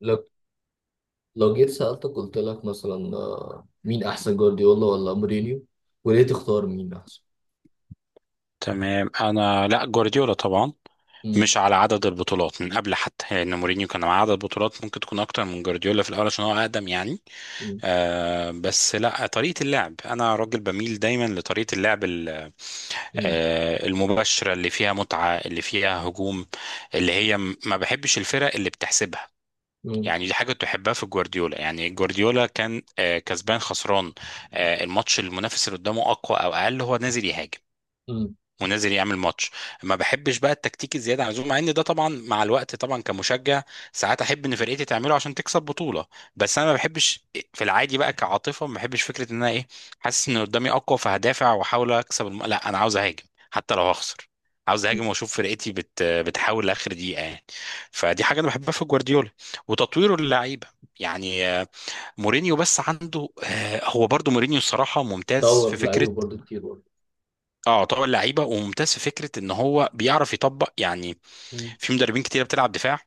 لو لو جيت سألتك قلت لك مثلا مين أحسن جوارديولا ولا مورينيو وليه تختار مين أحسن؟ تمام، انا لا جوارديولا طبعا. مم. مش على عدد البطولات من قبل، حتى لان مورينيو كان مع عدد بطولات ممكن تكون اكتر من جوارديولا في الاول عشان هو اقدم يعني. مم. بس لا طريقه اللعب، انا راجل بميل دايما لطريقه اللعب مم. المباشرة اللي فيها متعة، اللي فيها هجوم، اللي هي ما بحبش الفرق اللي بتحسبها. مم. يعني دي حاجة تحبها في جوارديولا، يعني جوارديولا كان، كسبان خسران، الماتش، المنافس اللي قدامه أقوى أو أقل، هو نازل يهاجم مم. ونازل يعمل ماتش. ما بحبش بقى التكتيك الزياده عن اللزوم، مع ان ده طبعا مع الوقت طبعا كمشجع ساعات احب ان فرقتي تعمله عشان تكسب بطوله، بس انا ما بحبش. في العادي بقى كعاطفه ما بحبش فكره ان انا ايه، حاسس ان قدامي اقوى فهدافع واحاول اكسب لا، انا عاوز اهاجم حتى لو هخسر. عاوز مم. اهاجم واشوف فرقتي بتحاول لاخر دقيقه يعني. فدي حاجه انا بحبها في جوارديولا، وتطويره للعيبه يعني. مورينيو، بس عنده هو برضو مورينيو الصراحه ممتاز في دور فكره. لعيبة برضه كتير برضه. اه طبعا لعيبه، وممتاز في فكره ان هو بيعرف يطبق يعني. مم. في مدربين كتير بتلعب دفاع،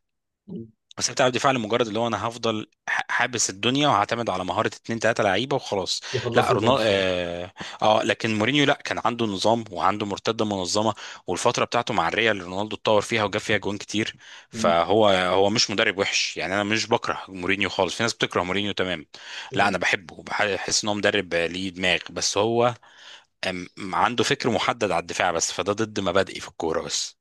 مم. بس هي بتلعب دفاع لمجرد اللي هو انا هفضل حابس الدنيا، وهعتمد على مهاره اتنين تلاته لعيبه وخلاص. لا يخلصوا رونالدو، الماتش آه. اه، لكن مورينيو لا كان عنده نظام، وعنده مرتده منظمه، والفتره بتاعته مع الريال رونالدو اتطور فيها وجاب فيها جوان كتير. مم. فهو مش مدرب وحش يعني، انا مش بكره مورينيو خالص، في ناس بتكره مورينيو تمام. لا انا مم. بحبه، وبحس ان هو مدرب ليه دماغ، بس هو أم- عنده فكر محدد على الدفاع بس، فده ضد مبادئي في الكورة بس.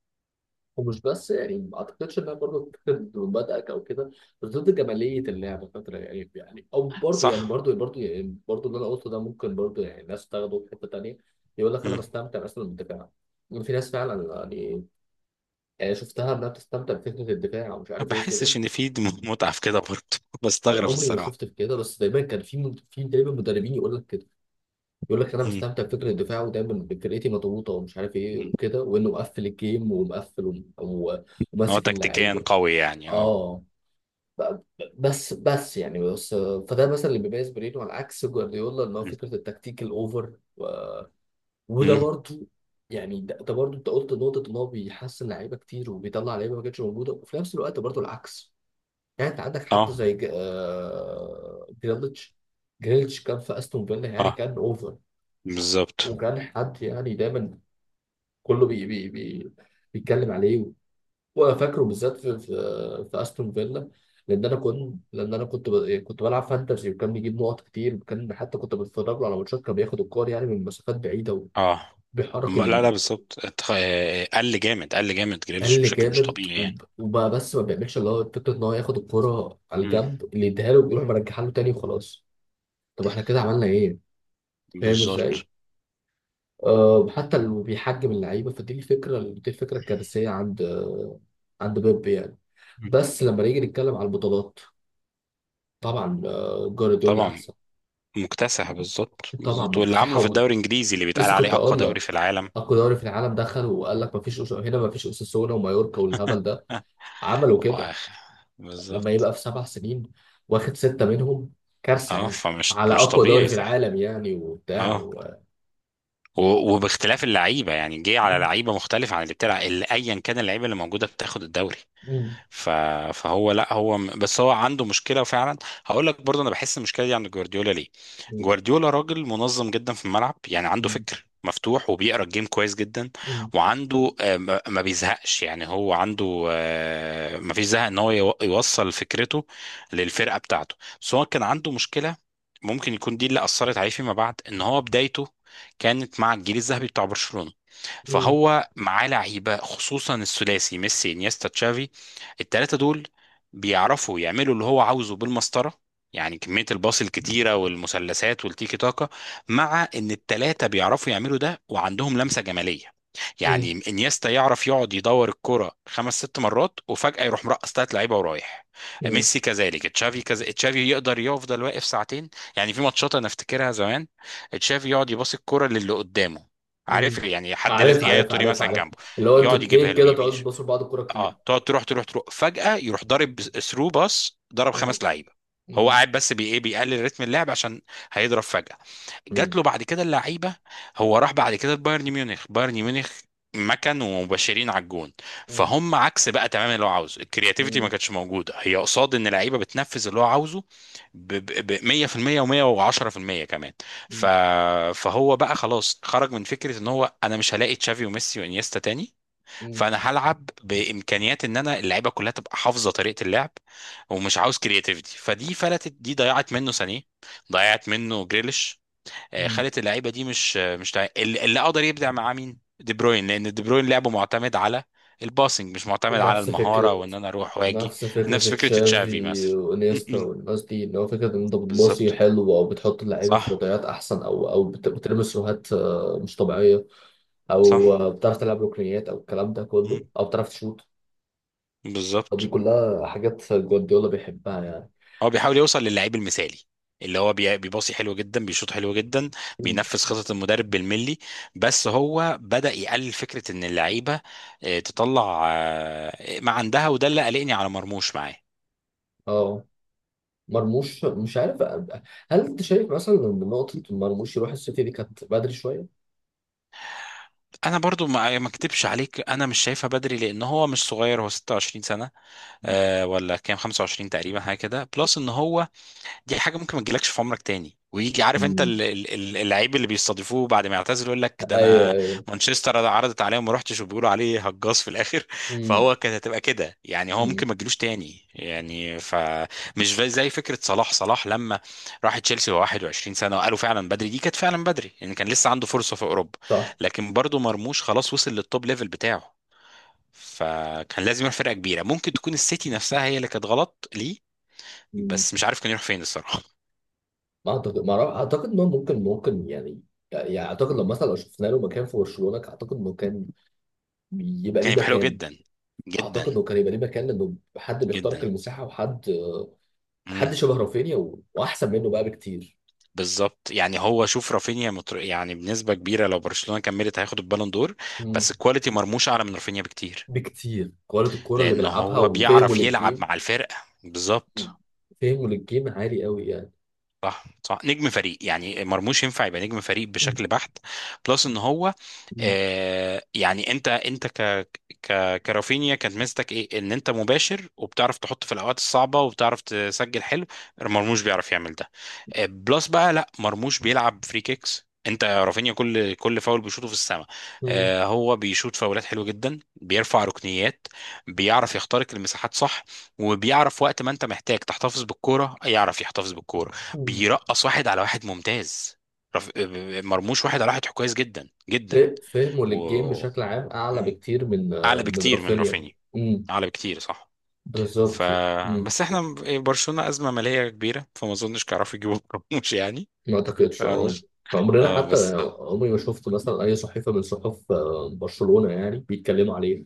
ومش بس يعني ما أعتقدش إنها برضه ضد مبادئك أو كده، بس ضد جمالية اللعبة فترة يعني أو برضه يعني صح. برضه يعني برضه اللي أنا قلته ده ممكن برضه يعني ناس تاخده في حتة تانية. يقول لك أنا مم. بستمتع مثلا بالدفاع. يعني في ناس فعلا يعني. يعني شفتها انها بتستمتع بفكره الدفاع ومش ما عارف ايه وكده. بحسش ان في متعة في كده برضه. انا بستغرب عمري ما الصراحة. شفت في كده، بس دايما كان في دايما مدربين يقول لك كده. يقول لك انا مم. بستمتع بفكره الدفاع ودايما فرقتي مضغوطه ومش عارف ايه مم. وكده، وانه مقفل الجيم ومقفل هو وماسك تكتيكيا اللعيبه. قوي يعني، اه. اه، ب- بس يعني بس. فده مثلا اللي بيميز برينو على عكس جوارديولا ان هو مم. فكره التكتيك الاوفر و... وده مم. برضو. يعني ده برضو انت قلت نقطه ان هو بيحسن لعيبه كتير وبيطلع لعيبه ما كانتش موجوده، وفي نفس الوقت برضو العكس. يعني انت عندك حد اه زي جريليتش. جريليتش كان في استون فيلا يعني اه، كان اوفر، بالظبط وكان حد يعني دايما كله بي بي بي بيتكلم عليه. وفاكره بالذات في استون فيلا. لان انا كنت بلعب فانتزي، وكان بيجيب نقط كتير، وكان حتى كنت بتفرج له على ماتشات كان بياخد الكور يعني من مسافات بعيده اه. وبيحرك لا لا، القل. بالظبط. قل جامد قل جامد، جريليش بشكل مش جامد طبيعي يعني. وبقى بس ما بيعملش اللي هو فكره ان هو ياخد الكوره على مم. الجنب، اللي يديها له ويروح مرجعها له تاني وخلاص. طب احنا كده عملنا ايه؟ فاهم ازاي؟ بالظبط. أه، حتى لو بيحجم اللعيبه فدي الفكره الكارثيه عند عند بيب يعني. مم. بس لما نيجي نتكلم على البطولات طبعا جوارديولا طبعا احسن. مكتسح، بالظبط طبعا بالظبط، واللي مكتسح عامله في حول. الدوري الانجليزي اللي بيتقال لسه كنت عليه اقوى اقول دوري لك في العالم. اقوى دوري في العالم، دخل وقال لك مفيش هنا مفيش اوساسونا ومايوركا والهبل ده، عملوا كده واخ، لما بالظبط يبقى في 7 سنين واخد 6 منهم كارثه اه، يعني، فمش على مش اقوى دوري طبيعي في صح. العالم يعني وبتاع و... اه، وباختلاف اللعيبه، يعني جه على مم. لعيبه مختلفه عن اللي بتلعب، اللي ايا كان اللعيبه اللي موجوده بتاخد الدوري. مم. ف... فهو، لا هو، بس هو عنده مشكله فعلا. هقول لك برضه، انا بحس المشكله دي عند جوارديولا ليه. مم. جوارديولا راجل منظم جدا في الملعب، يعني عنده مم. فكر مفتوح وبيقرا الجيم كويس جدا. وعنده ما بيزهقش، يعني هو عنده ما فيش زهق ان هو يوصل فكرته للفرقه بتاعته. بس هو كان عنده مشكله، ممكن يكون دي اللي اثرت عليه فيما بعد، ان هو بدايته كانت مع الجيل الذهبي بتاع برشلونه. مم. فهو معاه لعيبه، خصوصا الثلاثي ميسي انيستا تشافي، الثلاثه دول بيعرفوا يعملوا اللي هو عاوزه بالمسطره. يعني كميه الباص الكتيره، والمثلثات والتيكي تاكا، مع ان الثلاثه بيعرفوا يعملوا ده وعندهم لمسه جماليه. يعني مم. انيستا يعرف يقعد يدور الكرة خمس ست مرات، وفجأة يروح مرقص تلات لعيبة ورايح. مم. ميسي كذلك، تشافي كذا، تشافي يقدر يفضل واقف ساعتين. يعني في ماتشات انا افتكرها زمان، تشافي يقعد يباصي الكرة للي قدامه، عارف مم. يعني، حد لازق عارف يا عارف الطري عارف مثلا عارف. جنبه، اللي هو انتوا يقعد يجيبها اتنين له كده يمين تقعدوا تبصوا لبعض الكوره كتير. اه، تقعد تروح تروح تروح، فجأة يروح ضارب ثرو باص ضرب مم. خمس لعيبة. هو مم. قاعد بس بي ايه، بيقلل رتم اللعب عشان هيضرب فجأة، جات مم. له بعد كده اللعيبه. هو راح بعد كده بايرن ميونخ، بايرن ميونخ مكن ومبشرين على الجون، مم. فهم عكس بقى تماما اللي هو عاوزه. الكرياتيفيتي ما مم. كانتش موجوده، هي قصاد ان اللعيبه بتنفذ اللي هو عاوزه 100% و110% كمان. ف مم. فهو بقى خلاص خرج من فكره، ان هو انا مش هلاقي تشافي وميسي وانيستا تاني. مم. فانا هلعب بامكانيات ان انا اللعيبه كلها تبقى حافظه طريقه اللعب، ومش عاوز كرياتيفيتي. فدي فلتت، دي ضيعت منه سانيه، ضيعت منه جريليش، مم. خلت اللعيبه دي مش، مش اللي قدر يبدع معاه مين؟ دي بروين، لان دي بروين لعبه معتمد على الباسنج، مش معتمد على نفس فكرة المهاره وان انا اروح واجي. نفس نفس فكرة فكره تشافي تشافي مثلا. وانيستا والناس دي ان هو فكرة ان انت بتباصي بالظبط، حلو او بتحط اللعيبة في صح وضعيات احسن او بترمي سروهات مش طبيعية. او صح. بتعرف تلعب ركنيات او الكلام ده مم. كله او بتعرف تشوط. دي بالظبط. كلها حاجات جوارديولا بيحبها مم. يعني. هو بيحاول يوصل للعيب المثالي، اللي هو بيباصي حلو جدا، بيشوط حلو جدا، مم. بينفذ خطط المدرب بالملي. بس هو بدأ يقلل فكرة ان اللعيبة تطلع ما عندها، وده اللي قلقني على مرموش معاه. اه. مرموش مش عارف، هل انت شايف مثلا ان نقطة مرموش يروح السيتي دي كانت بدري شوية؟ انا برضو ما اكدبش عليك، انا مش شايفها بدري، لان هو مش صغير، هو 26 سنه، آه ولا كام، 25 تقريبا حاجه كده. بلس ان هو، دي حاجه ممكن ما تجيلكش في عمرك تاني، ويجي عارف انت مم. اللعيب اللي بيستضيفوه بعد ما يعتزل يقول لك ده، ايوه انا ايوه. مانشستر عرضت عليه وما رحتش، وبيقولوا عليه هجاص في الاخر. امم فهو كانت هتبقى كده يعني، هو ممكن امم. ما تجيلوش تاني يعني. فمش زي فكره صلاح لما راح تشيلسي وهو 21 سنه وقالوا فعلا بدري. دي كانت فعلا بدري يعني، كان لسه عنده فرصه في اوروبا. صح. لكن برضه مرموش خلاص وصل للتوب ليفل بتاعه، فكان لازم يروح فرقه كبيره، ممكن تكون السيتي نفسها هي اللي كانت غلط ليه. مم. بس مش عارف كان يروح فين الصراحه. ما اعتقد. ما أعرف- اعتقد انه ممكن يعني. يعني اعتقد لو مثلا لو شفنا له مكان في برشلونة، اعتقد انه كان يبقى كان ليه يبقى حلو مكان، جدا، اعتقد جدا انه كان يبقى ليه مكان لانه حد بيخترق جدا. المساحة وحد امم. حد شبه رافينيا واحسن منه بقى بكتير. بالظبط. يعني هو، شوف رافينيا يعني بنسبه كبيره، لو برشلونه كملت هياخد البالون دور. مم. بس الكواليتي، مرموش اعلى من رافينيا بكتير. بكتير، كواليتي الكورة اللي لان بيلعبها هو وفهمه بيعرف يلعب للجيم. مع الفرقه، بالظبط، مم. فهمه للجيم عالي قوي يعني. صح صح، نجم فريق. يعني مرموش ينفع يبقى نجم فريق مم. بشكل بحت. بلس ان هو، يعني انت، انت ك ك كرافينيا كانت ميزتك ايه؟ ان انت مباشر وبتعرف تحط في الاوقات الصعبه، وبتعرف تسجل حلو. مرموش بيعرف يعمل ده. آه بلس بقى، لا مرموش بيلعب فري كيكس، انت رافينيا كل فاول بيشوطه في السماء. مم. آه هو بيشوط فاولات حلوه جدا، بيرفع ركنيات، بيعرف يخترق المساحات صح، وبيعرف وقت ما انت محتاج تحتفظ بالكوره يعرف يحتفظ بالكوره، مم. بيرقص واحد على واحد ممتاز. مرموش واحد على واحد كويس جدا ف- جدا. فهمه و... للجيم بشكل عام اعلى مم. بكتير من اعلى من بكتير من رافينيا. رافينيا، مم. اعلى بكتير صح. ف بالظبط. مم. بس احنا برشلونة ازمة مالية كبيرة، فما اظنش كانوا يجيبوا مرموش يعني. ما اعتقدش اه. مرموش، عمرنا اه حتى بس. عمري ما شفت مثلا اي صحيفه من صحف برشلونه يعني بيتكلموا عليه،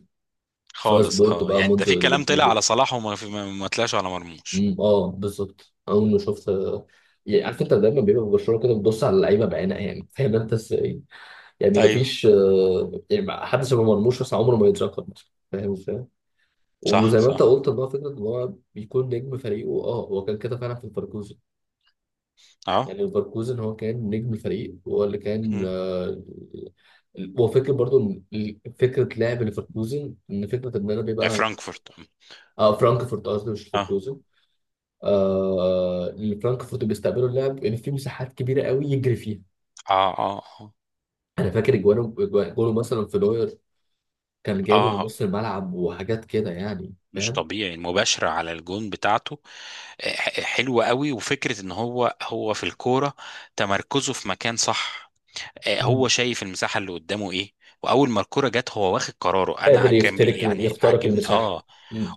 سواء خالص، سبورت اه بقى يعني ده في موندو كلام طلع ديبورتيفو. على صلاح، وما في... ما طلعش على مرموش. مم. اه بالظبط. اول ما شفت يعني عارف مم. انت دايما بيبقى في برشلونه كده بتبص على اللعيبه بعينها يعني فاهم انت ازاي. يعني ايوه، مفيش يعني حدث ما مرموش بس عمره ما يتذكر مثلا فاهم. صح وزي ما انت صح قلت ان هو فكره ان هو بيكون نجم فريقه، اه هو كان كده فعلا في ليفركوزن. اه. يعني ليفركوزن هو كان نجم الفريق، هو اللي كان مم. هو فكره برضو ان فكره لعب ليفركوزن ان فكره ان انا بيبقى فرانكفورت. مم. اه فرانكفورت قصدي مش اه ليفركوزن. آه، اللي فرانكفورت بيستقبلوا اللعب ان في مساحات كبيره قوي يجري فيها. اه اه اه انا فاكر جوانه جوانه مثلا في نوير كان جايبه من اه. نص الملعب وحاجات كده يعني مش فاهم. طبيعي المباشرة على الجون بتاعته، حلوة قوي، وفكرة ان هو في الكورة، تمركزه في مكان صح. هو مم. شايف المساحة اللي قدامه ايه، واول ما الكورة جت هو واخد قراره، انا قادر كان يخترق بي يعني، يخترق عجبني المساحه. اه.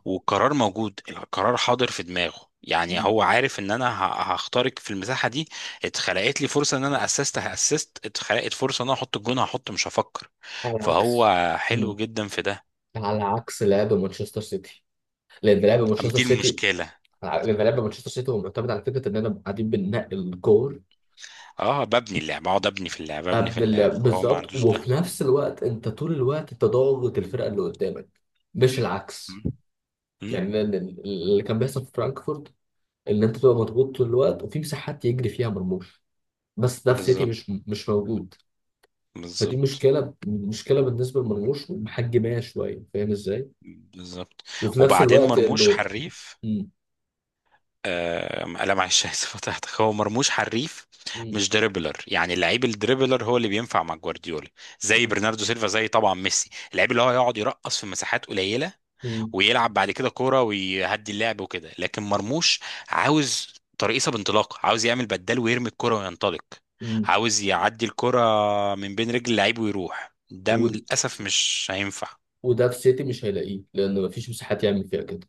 والقرار موجود، القرار حاضر في دماغه يعني، مم. هو عارف ان انا هخترق في المساحة دي. اتخلقت لي فرصة ان انا هاسست، اتخلقت فرصة ان انا احط الجون، هحط مش هفكر. على عكس. فهو حلو مم. جدا في ده. على عكس لعب مانشستر سيتي. لان لعب أما مانشستر دي سيتي المشكلة. لان لعب مانشستر سيتي هو معتمد على فكره اننا قاعدين بننقي الكور اه، ببني اللعبة، اقعد ابني في اللعبة، ابني في قبل اللعبة، اللعب فهو ما بالظبط، عندوش وفي ده. نفس الوقت انت طول الوقت انت ضاغط الفرقه اللي قدامك، مش مم. العكس. مم. يعني لأن اللي كان بيحصل في فرانكفورت ان انت تبقى مضغوط طول الوقت وفي مساحات يجري فيها مرموش، بس ده في سيتي بالظبط مش موجود. فدي بالظبط مشكله بالنسبه لمرموش محجماها شويه فاهم ازاي. بالظبط. وفي نفس وبعدين الوقت مرموش انه. حريف. آه لا معلش، اسف قطعتك. هو مرموش حريف، مم. مش دريبلر. يعني اللعيب الدريبلر هو اللي بينفع مع جوارديولا، زي مم. برناردو سيلفا، زي طبعا ميسي، اللعيب اللي هو يقعد يرقص في مساحات قليله، مم. ويلعب بعد كده كوره ويهدي اللعب وكده. لكن مرموش عاوز ترقيصه بانطلاق، عاوز يعمل بدال ويرمي الكوره وينطلق، مم. عاوز يعدي الكوره من بين رجل اللعيب ويروح، ده و- للاسف مش هينفع. وده في سيتي مش هيلاقيه لان مفيش مساحات يعمل فيها كده.